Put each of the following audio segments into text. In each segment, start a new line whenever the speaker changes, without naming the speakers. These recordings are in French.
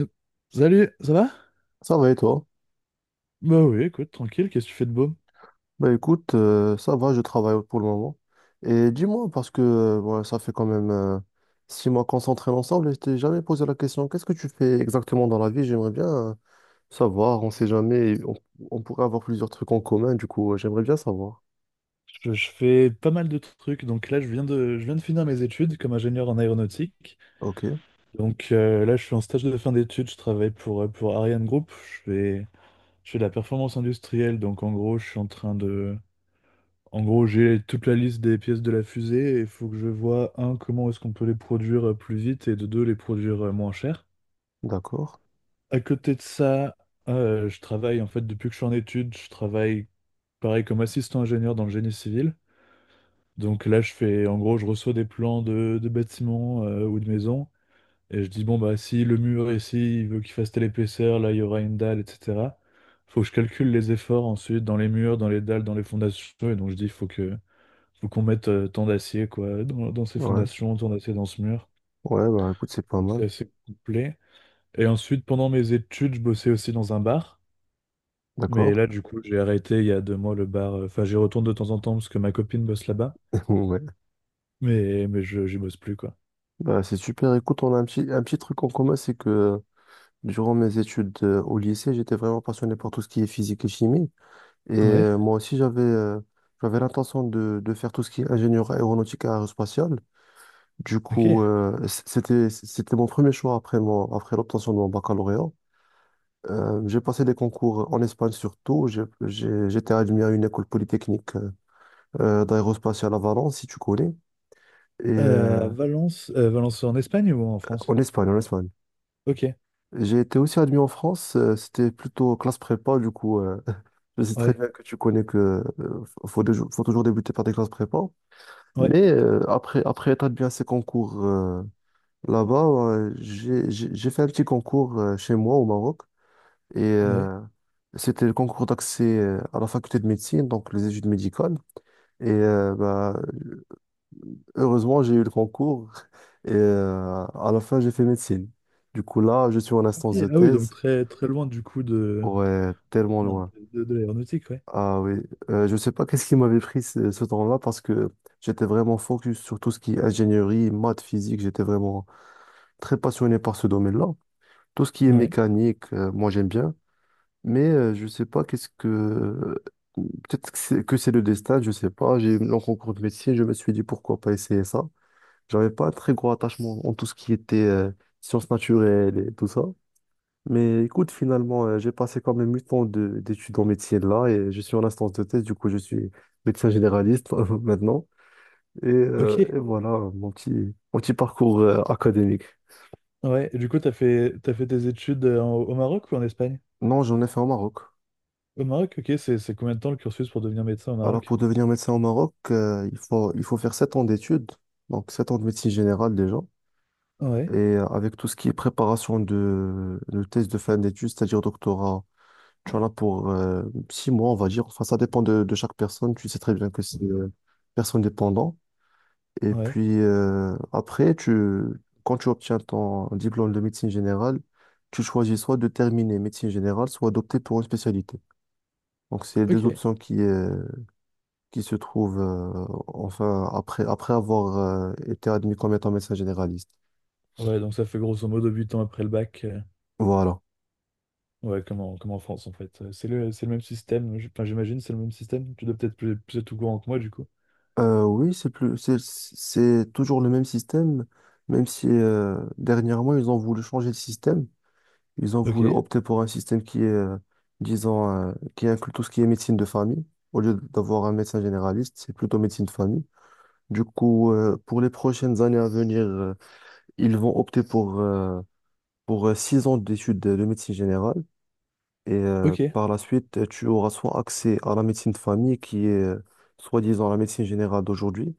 Euh, Salut, ça va?
Ça va et toi?
Bah oui, écoute, tranquille, qu'est-ce que tu fais de beau?
Bah écoute, ça va, je travaille pour le moment. Et dis-moi, parce que ouais, ça fait quand même 6 mois qu'on s'entraîne ensemble et je t'ai jamais posé la question, qu'est-ce que tu fais exactement dans la vie? J'aimerais bien savoir, on sait jamais, on pourrait avoir plusieurs trucs en commun, du coup, j'aimerais bien savoir.
Je fais pas mal de trucs, donc là je viens de finir mes études comme ingénieur en aéronautique.
Ok,
Donc là je suis en stage de fin d'études, je travaille pour Ariane Group, je fais de la performance industrielle, donc en gros je suis en train de... En gros j'ai toute la liste des pièces de la fusée et il faut que je vois, un, comment est-ce qu'on peut les produire plus vite et de deux, les produire moins cher.
d'accord.
À côté de ça, je travaille en fait depuis que je suis en études, je travaille pareil comme assistant ingénieur dans le génie civil. Donc là, je fais, en gros, je reçois des plans de bâtiments ou de maisons et je dis, bon, bah, si le mur ici, il veut qu'il fasse telle épaisseur, là, il y aura une dalle, etc. Faut que je calcule les efforts ensuite dans les murs, dans les dalles, dans les fondations. Et donc, je dis, faut qu'on mette tant d'acier, quoi, dans ces
Ouais,
fondations, tant d'acier dans ce mur.
ouais, bah écoute, c'est pas
Donc,
mal.
c'est assez complet. Et ensuite, pendant mes études, je bossais aussi dans un bar. Mais
D'accord.
là, du coup, j'ai arrêté il y a deux mois le bar. Enfin, j'y retourne de temps en temps parce que ma copine bosse là-bas.
Ouais.
Mais, j'y bosse plus, quoi.
Bah c'est super. Écoute, on a un petit truc en commun, c'est que durant mes études au lycée, j'étais vraiment passionné par tout ce qui est physique et chimie. Et
Ouais,
moi aussi, j'avais l'intention de faire tout ce qui est ingénieur aéronautique et aérospatial. Du coup,
ok.
c'était mon premier choix après l'obtention de mon baccalauréat. J'ai passé des concours en Espagne surtout. J'étais admis à une école polytechnique d'aérospatiale à Valence, si tu connais. Et
Valence, Valence en Espagne ou en France?
en Espagne, en Espagne.
Ok,
J'ai été aussi admis en France. C'était plutôt classe prépa, du coup. Je sais très
ouais,
bien que tu connais que euh, faut, faut toujours débuter par des classes prépa.
ouais,
Mais après être admis à ces concours là-bas, j'ai fait un petit concours chez moi au Maroc. Et
ouais.
c'était le concours d'accès à la faculté de médecine, donc les études médicales. Et bah, heureusement, j'ai eu le concours. Et à la fin, j'ai fait médecine. Du coup, là, je suis en
Ok.
instance de
Ah oui, donc
thèse.
très, très loin du coup de,
Ouais, tellement
merde,
loin.
de l'aéronautique, ouais.
Ah oui. Je sais pas qu'est-ce qui m'avait pris ce temps-là parce que j'étais vraiment focus sur tout ce qui est ingénierie, maths, physique. J'étais vraiment très passionné par ce domaine-là. Tout ce qui est
Ouais,
mécanique, moi j'aime bien, mais je sais pas qu'est-ce que... Peut-être que c'est le destin, je sais pas. J'ai eu mon concours de médecine, je me suis dit pourquoi pas essayer ça. J'avais pas un très gros attachement en tout ce qui était sciences naturelles et tout ça. Mais écoute, finalement, j'ai passé quand même 8 ans d'études en médecine là et je suis en instance de thèse, du coup je suis médecin généraliste maintenant. Et, euh,
ok,
et voilà mon petit, mon petit parcours académique.
ouais. Et du coup, t'as fait tes études au Maroc ou en Espagne?
Non, j'en ai fait au Maroc.
Au Maroc, ok, c'est combien de temps le cursus pour devenir médecin au
Alors,
Maroc?
pour devenir médecin au Maroc, il faut faire 7 ans d'études, donc 7 ans de médecine générale déjà, et
Ouais,
avec tout ce qui est préparation de thèse de fin d'études, c'est-à-dire doctorat, tu en as pour 6 mois, on va dire. Enfin, ça dépend de chaque personne, tu sais très bien que c'est personne dépendant. Et
ouais,
puis après, quand tu obtiens ton diplôme de médecine générale, tu choisis soit de terminer médecine générale, soit d'opter pour une spécialité. Donc, c'est les deux
ok.
options qui se trouve, enfin, après avoir été admis comme étant médecin généraliste.
Ouais, donc ça fait grosso modo 8 ans après le bac.
Voilà.
Ouais, comme en France, en fait. C'est c'est le même système. Enfin, j'imagine, c'est le même système. Tu dois peut-être plus être au courant que moi, du coup.
Oui, c'est toujours le même système, même si dernièrement, ils ont voulu changer le système. Ils ont
Ok,
voulu opter pour un système qui est, disons, qui inclut tout ce qui est médecine de famille. Au lieu d'avoir un médecin généraliste, c'est plutôt médecine de famille. Du coup, pour les prochaines années à venir, ils vont opter pour 6 ans d'études de médecine générale. Et
ok.
par la suite, tu auras soit accès à la médecine de famille, qui est soi-disant la médecine générale d'aujourd'hui,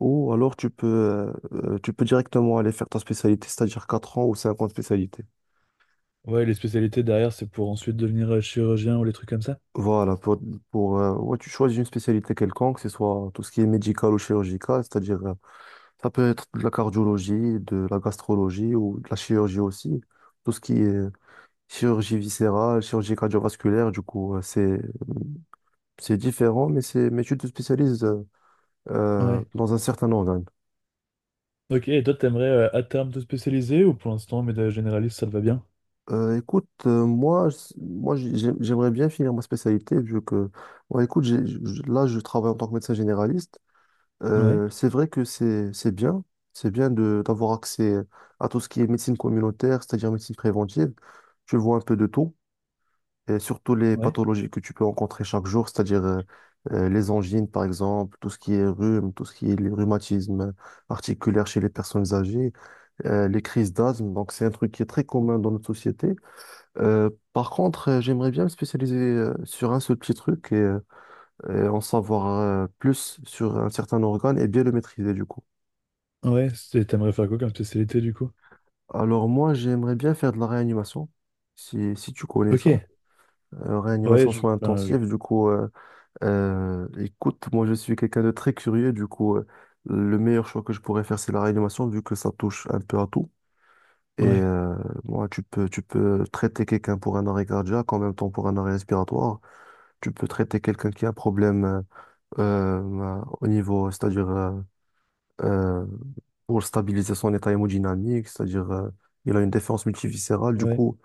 ou alors tu peux directement aller faire ta spécialité, c'est-à-dire 4 ans ou 5 ans de spécialité.
Ouais, les spécialités derrière, c'est pour ensuite devenir chirurgien ou les trucs comme ça.
Voilà, ouais, tu choisis une spécialité quelconque, que ce soit tout ce qui est médical ou chirurgical, c'est-à-dire ça peut être de la cardiologie, de la gastrologie ou de la chirurgie aussi, tout ce qui est chirurgie viscérale, chirurgie cardiovasculaire, du coup, c'est différent, mais c'est mais tu te spécialises
Ouais,
dans un certain organe.
ok, et toi, t'aimerais à terme te spécialiser ou pour l'instant, médecin généraliste, ça te va bien?
Écoute, moi, j'aimerais bien finir ma spécialité vu que, ouais, écoute, là, je travaille en tant que médecin généraliste.
Ouais,
C'est vrai que c'est bien, c'est bien de d'avoir accès à tout ce qui est médecine communautaire, c'est-à-dire médecine préventive. Tu vois un peu de tout, et surtout les
ouais.
pathologies que tu peux rencontrer chaque jour, c'est-à-dire les angines, par exemple, tout ce qui est rhume, tout ce qui est les rhumatismes articulaires chez les personnes âgées. Les crises d'asthme. Donc, c'est un truc qui est très commun dans notre société. Par contre, j'aimerais bien me spécialiser sur un seul petit truc et en savoir plus sur un certain organe et bien le maîtriser du coup.
Ouais, c'est- t'aimerais faire quoi comme spécialité, du coup?
Alors, moi, j'aimerais bien faire de la réanimation. Si tu connais
Ok,
ça.
ouais,
Réanimation
je,
soins
ben, je-
intensifs, du coup, écoute, moi je suis quelqu'un de très curieux, du coup, le meilleur choix que je pourrais faire, c'est la réanimation, vu que ça touche un peu à tout. Et
ouais,
moi, tu peux traiter quelqu'un pour un arrêt cardiaque, en même temps pour un arrêt respiratoire. Tu peux traiter quelqu'un qui a un problème au niveau, c'est-à-dire euh, pour stabiliser son état hémodynamique, c'est-à-dire il a une défense multiviscérale. Du
ouais.
coup,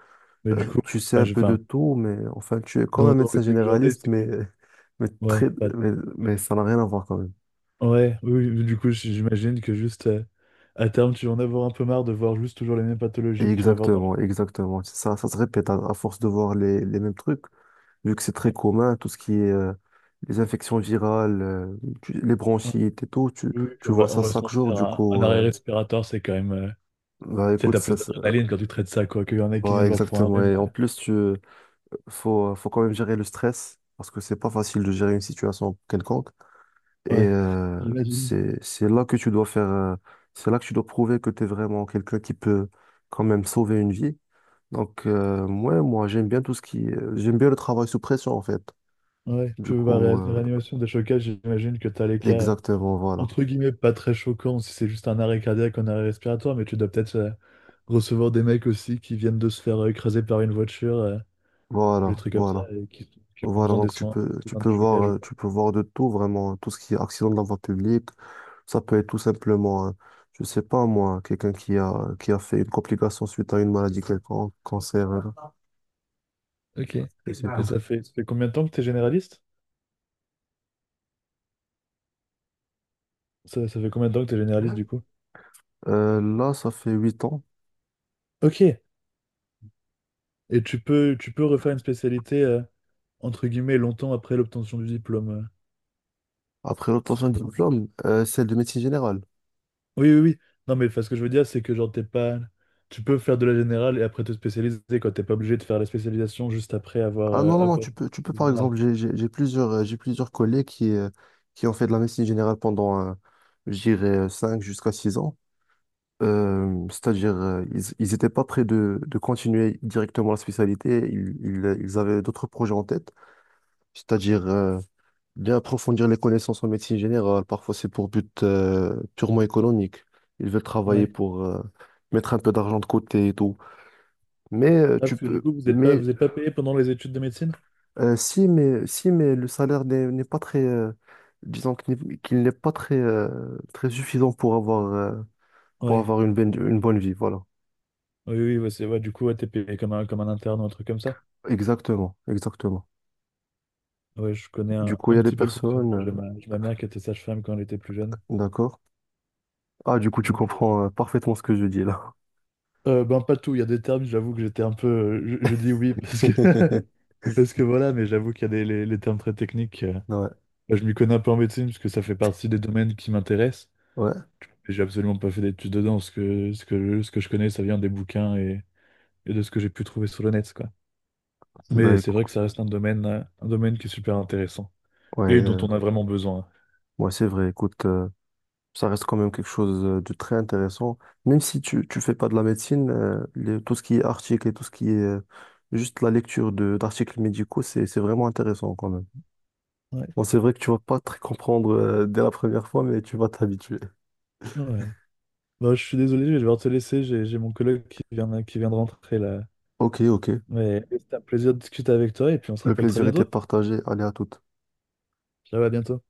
Mais du coup,
tu sais
enfin,
un
je
peu de
enfin,
tout, mais enfin, tu es comme un
dans
médecin
l'idée que j'en ai,
généraliste,
c'est que...
mais, mais,
Ouais,
très,
bah,
mais ça n'a rien à voir quand même.
ouais, oui, oui, du coup, j- j'imagine que juste à terme, tu vas en avoir un peu marre de voir juste toujours les mêmes pathologies que tu vas voir dans le.
Exactement, exactement. C'est Ça se répète à force de voir les mêmes trucs, vu que c'est très
Ouais,
commun, tout ce qui est les infections virales, les
ouais.
bronchites et tout,
Oui, oui, puis
tu vois
on
ça
va se
chaque jour,
mentir,
du
un
coup,
arrêt respiratoire, c'est quand même.
bah
Tu sais,
écoute,
t'as plus d'adrénaline quand tu traites ça, quoi, qu'il y en a qui viennent
bah,
voir pour un
exactement.
rhume.
Et en plus, faut quand même gérer le stress, parce que c'est pas facile de gérer une situation quelconque. Et
Ouais, j'imagine.
c'est, c'est là que tu dois faire, euh, c'est là que tu dois prouver que tu es vraiment quelqu'un qui peut quand même sauver une vie. Donc, ouais, moi, j'aime bien tout ce qui... j'aime bien le travail sous pression, en fait.
Ouais,
Du
puis bah, ré-
coup,
réanimation des chocages, j'imagine que t'as les cas,
exactement, voilà.
entre guillemets, pas très choquants si c'est juste un arrêt cardiaque, un arrêt respiratoire, mais tu dois peut-être recevoir des mecs aussi qui viennent de se faire écraser par une voiture. Les
Voilà,
trucs comme ça,
voilà.
et qui ont
Voilà,
besoin des
donc
soins, besoin des chocages ou quoi.
tu peux voir de tout, vraiment, tout ce qui est accident de la voie publique. Ça peut être tout simplement, je sais pas, moi, quelqu'un qui a fait une complication suite à une maladie quelconque, cancer,
Ok. Et
je sais pas.
ça fait combien de temps que t'es généraliste? Ça fait combien de temps que t'es généraliste du coup?
Là, ça fait 8 ans.
Ok. Et tu peux refaire une spécialité, entre guillemets, longtemps après l'obtention du diplôme.
Après l'obtention du diplôme, c'est de médecine générale.
Oui, oui, oui. Non, mais enfin, ce que je veux dire, c'est que genre, t'es pas... Tu peux faire de la générale et après te spécialiser, quoi. T'es pas obligé de faire la spécialisation juste après avoir...
Ah non, non, non,
avoir-
tu peux par
générale.
exemple, j'ai plusieurs collègues qui ont fait de la médecine générale pendant, je dirais, 5 jusqu'à 6 ans. C'est-à-dire, ils étaient pas prêts de continuer directement la spécialité, ils avaient d'autres projets en tête, c'est-à-dire bien approfondir les connaissances en médecine générale, parfois c'est pour but purement économique, ils veulent travailler
Ouais.
pour mettre un peu d'argent de côté et tout. Mais
Ah,
tu
parce que du
peux...
coup,
Mais
vous êtes pas payé pendant les études de médecine?
Si, mais le salaire n'est pas très, disons qu'il n'est pas très, très suffisant pour
Ouais.
avoir une bonne vie, voilà.
Oui, oui, ouais, du coup, ouais, t'es payé comme un interne ou un truc comme ça.
Exactement, exactement.
Ouais, je connais
Du coup, il
un
y a des
petit peu le
personnes,
fonctionnement. J'ai ma mère qui était sage-femme quand elle était plus jeune.
d'accord. Ah, du coup, tu
Donc,
comprends, parfaitement ce que je dis là.
ben pas tout. Il y a des termes, j'avoue que j'étais un peu. Je dis oui parce que, parce que voilà, mais j'avoue qu'il y a les termes très techniques.
Ouais,
Ben, je m'y connais un peu en médecine parce que ça fait partie des domaines qui m'intéressent.
ouais.
Et j'ai absolument pas fait d'études dedans. Ce que je connais, ça vient des bouquins et de ce que j'ai pu trouver sur le net, quoi.
Bah,
Mais c'est vrai que ça reste un un domaine qui est super intéressant,
ouais,
et dont on a vraiment besoin.
ouais, c'est vrai, écoute. Ça reste quand même quelque chose de très intéressant. Même si tu fais pas de la médecine, tout ce qui est article et tout ce qui est juste la lecture de d'articles médicaux, c'est vraiment intéressant quand même.
Ouais,
Bon, c'est vrai que tu vas pas très comprendre dès la première fois, mais tu vas t'habituer.
ouais. Bon, je suis désolé, je vais devoir te laisser. J'ai mon collègue qui vient de rentrer là.
Ok, ok.
Mais c'était un plaisir de discuter avec toi et puis on se
Le
rappelle très
plaisir était
bientôt.
partagé. Allez, à toute.
Ciao, à bientôt.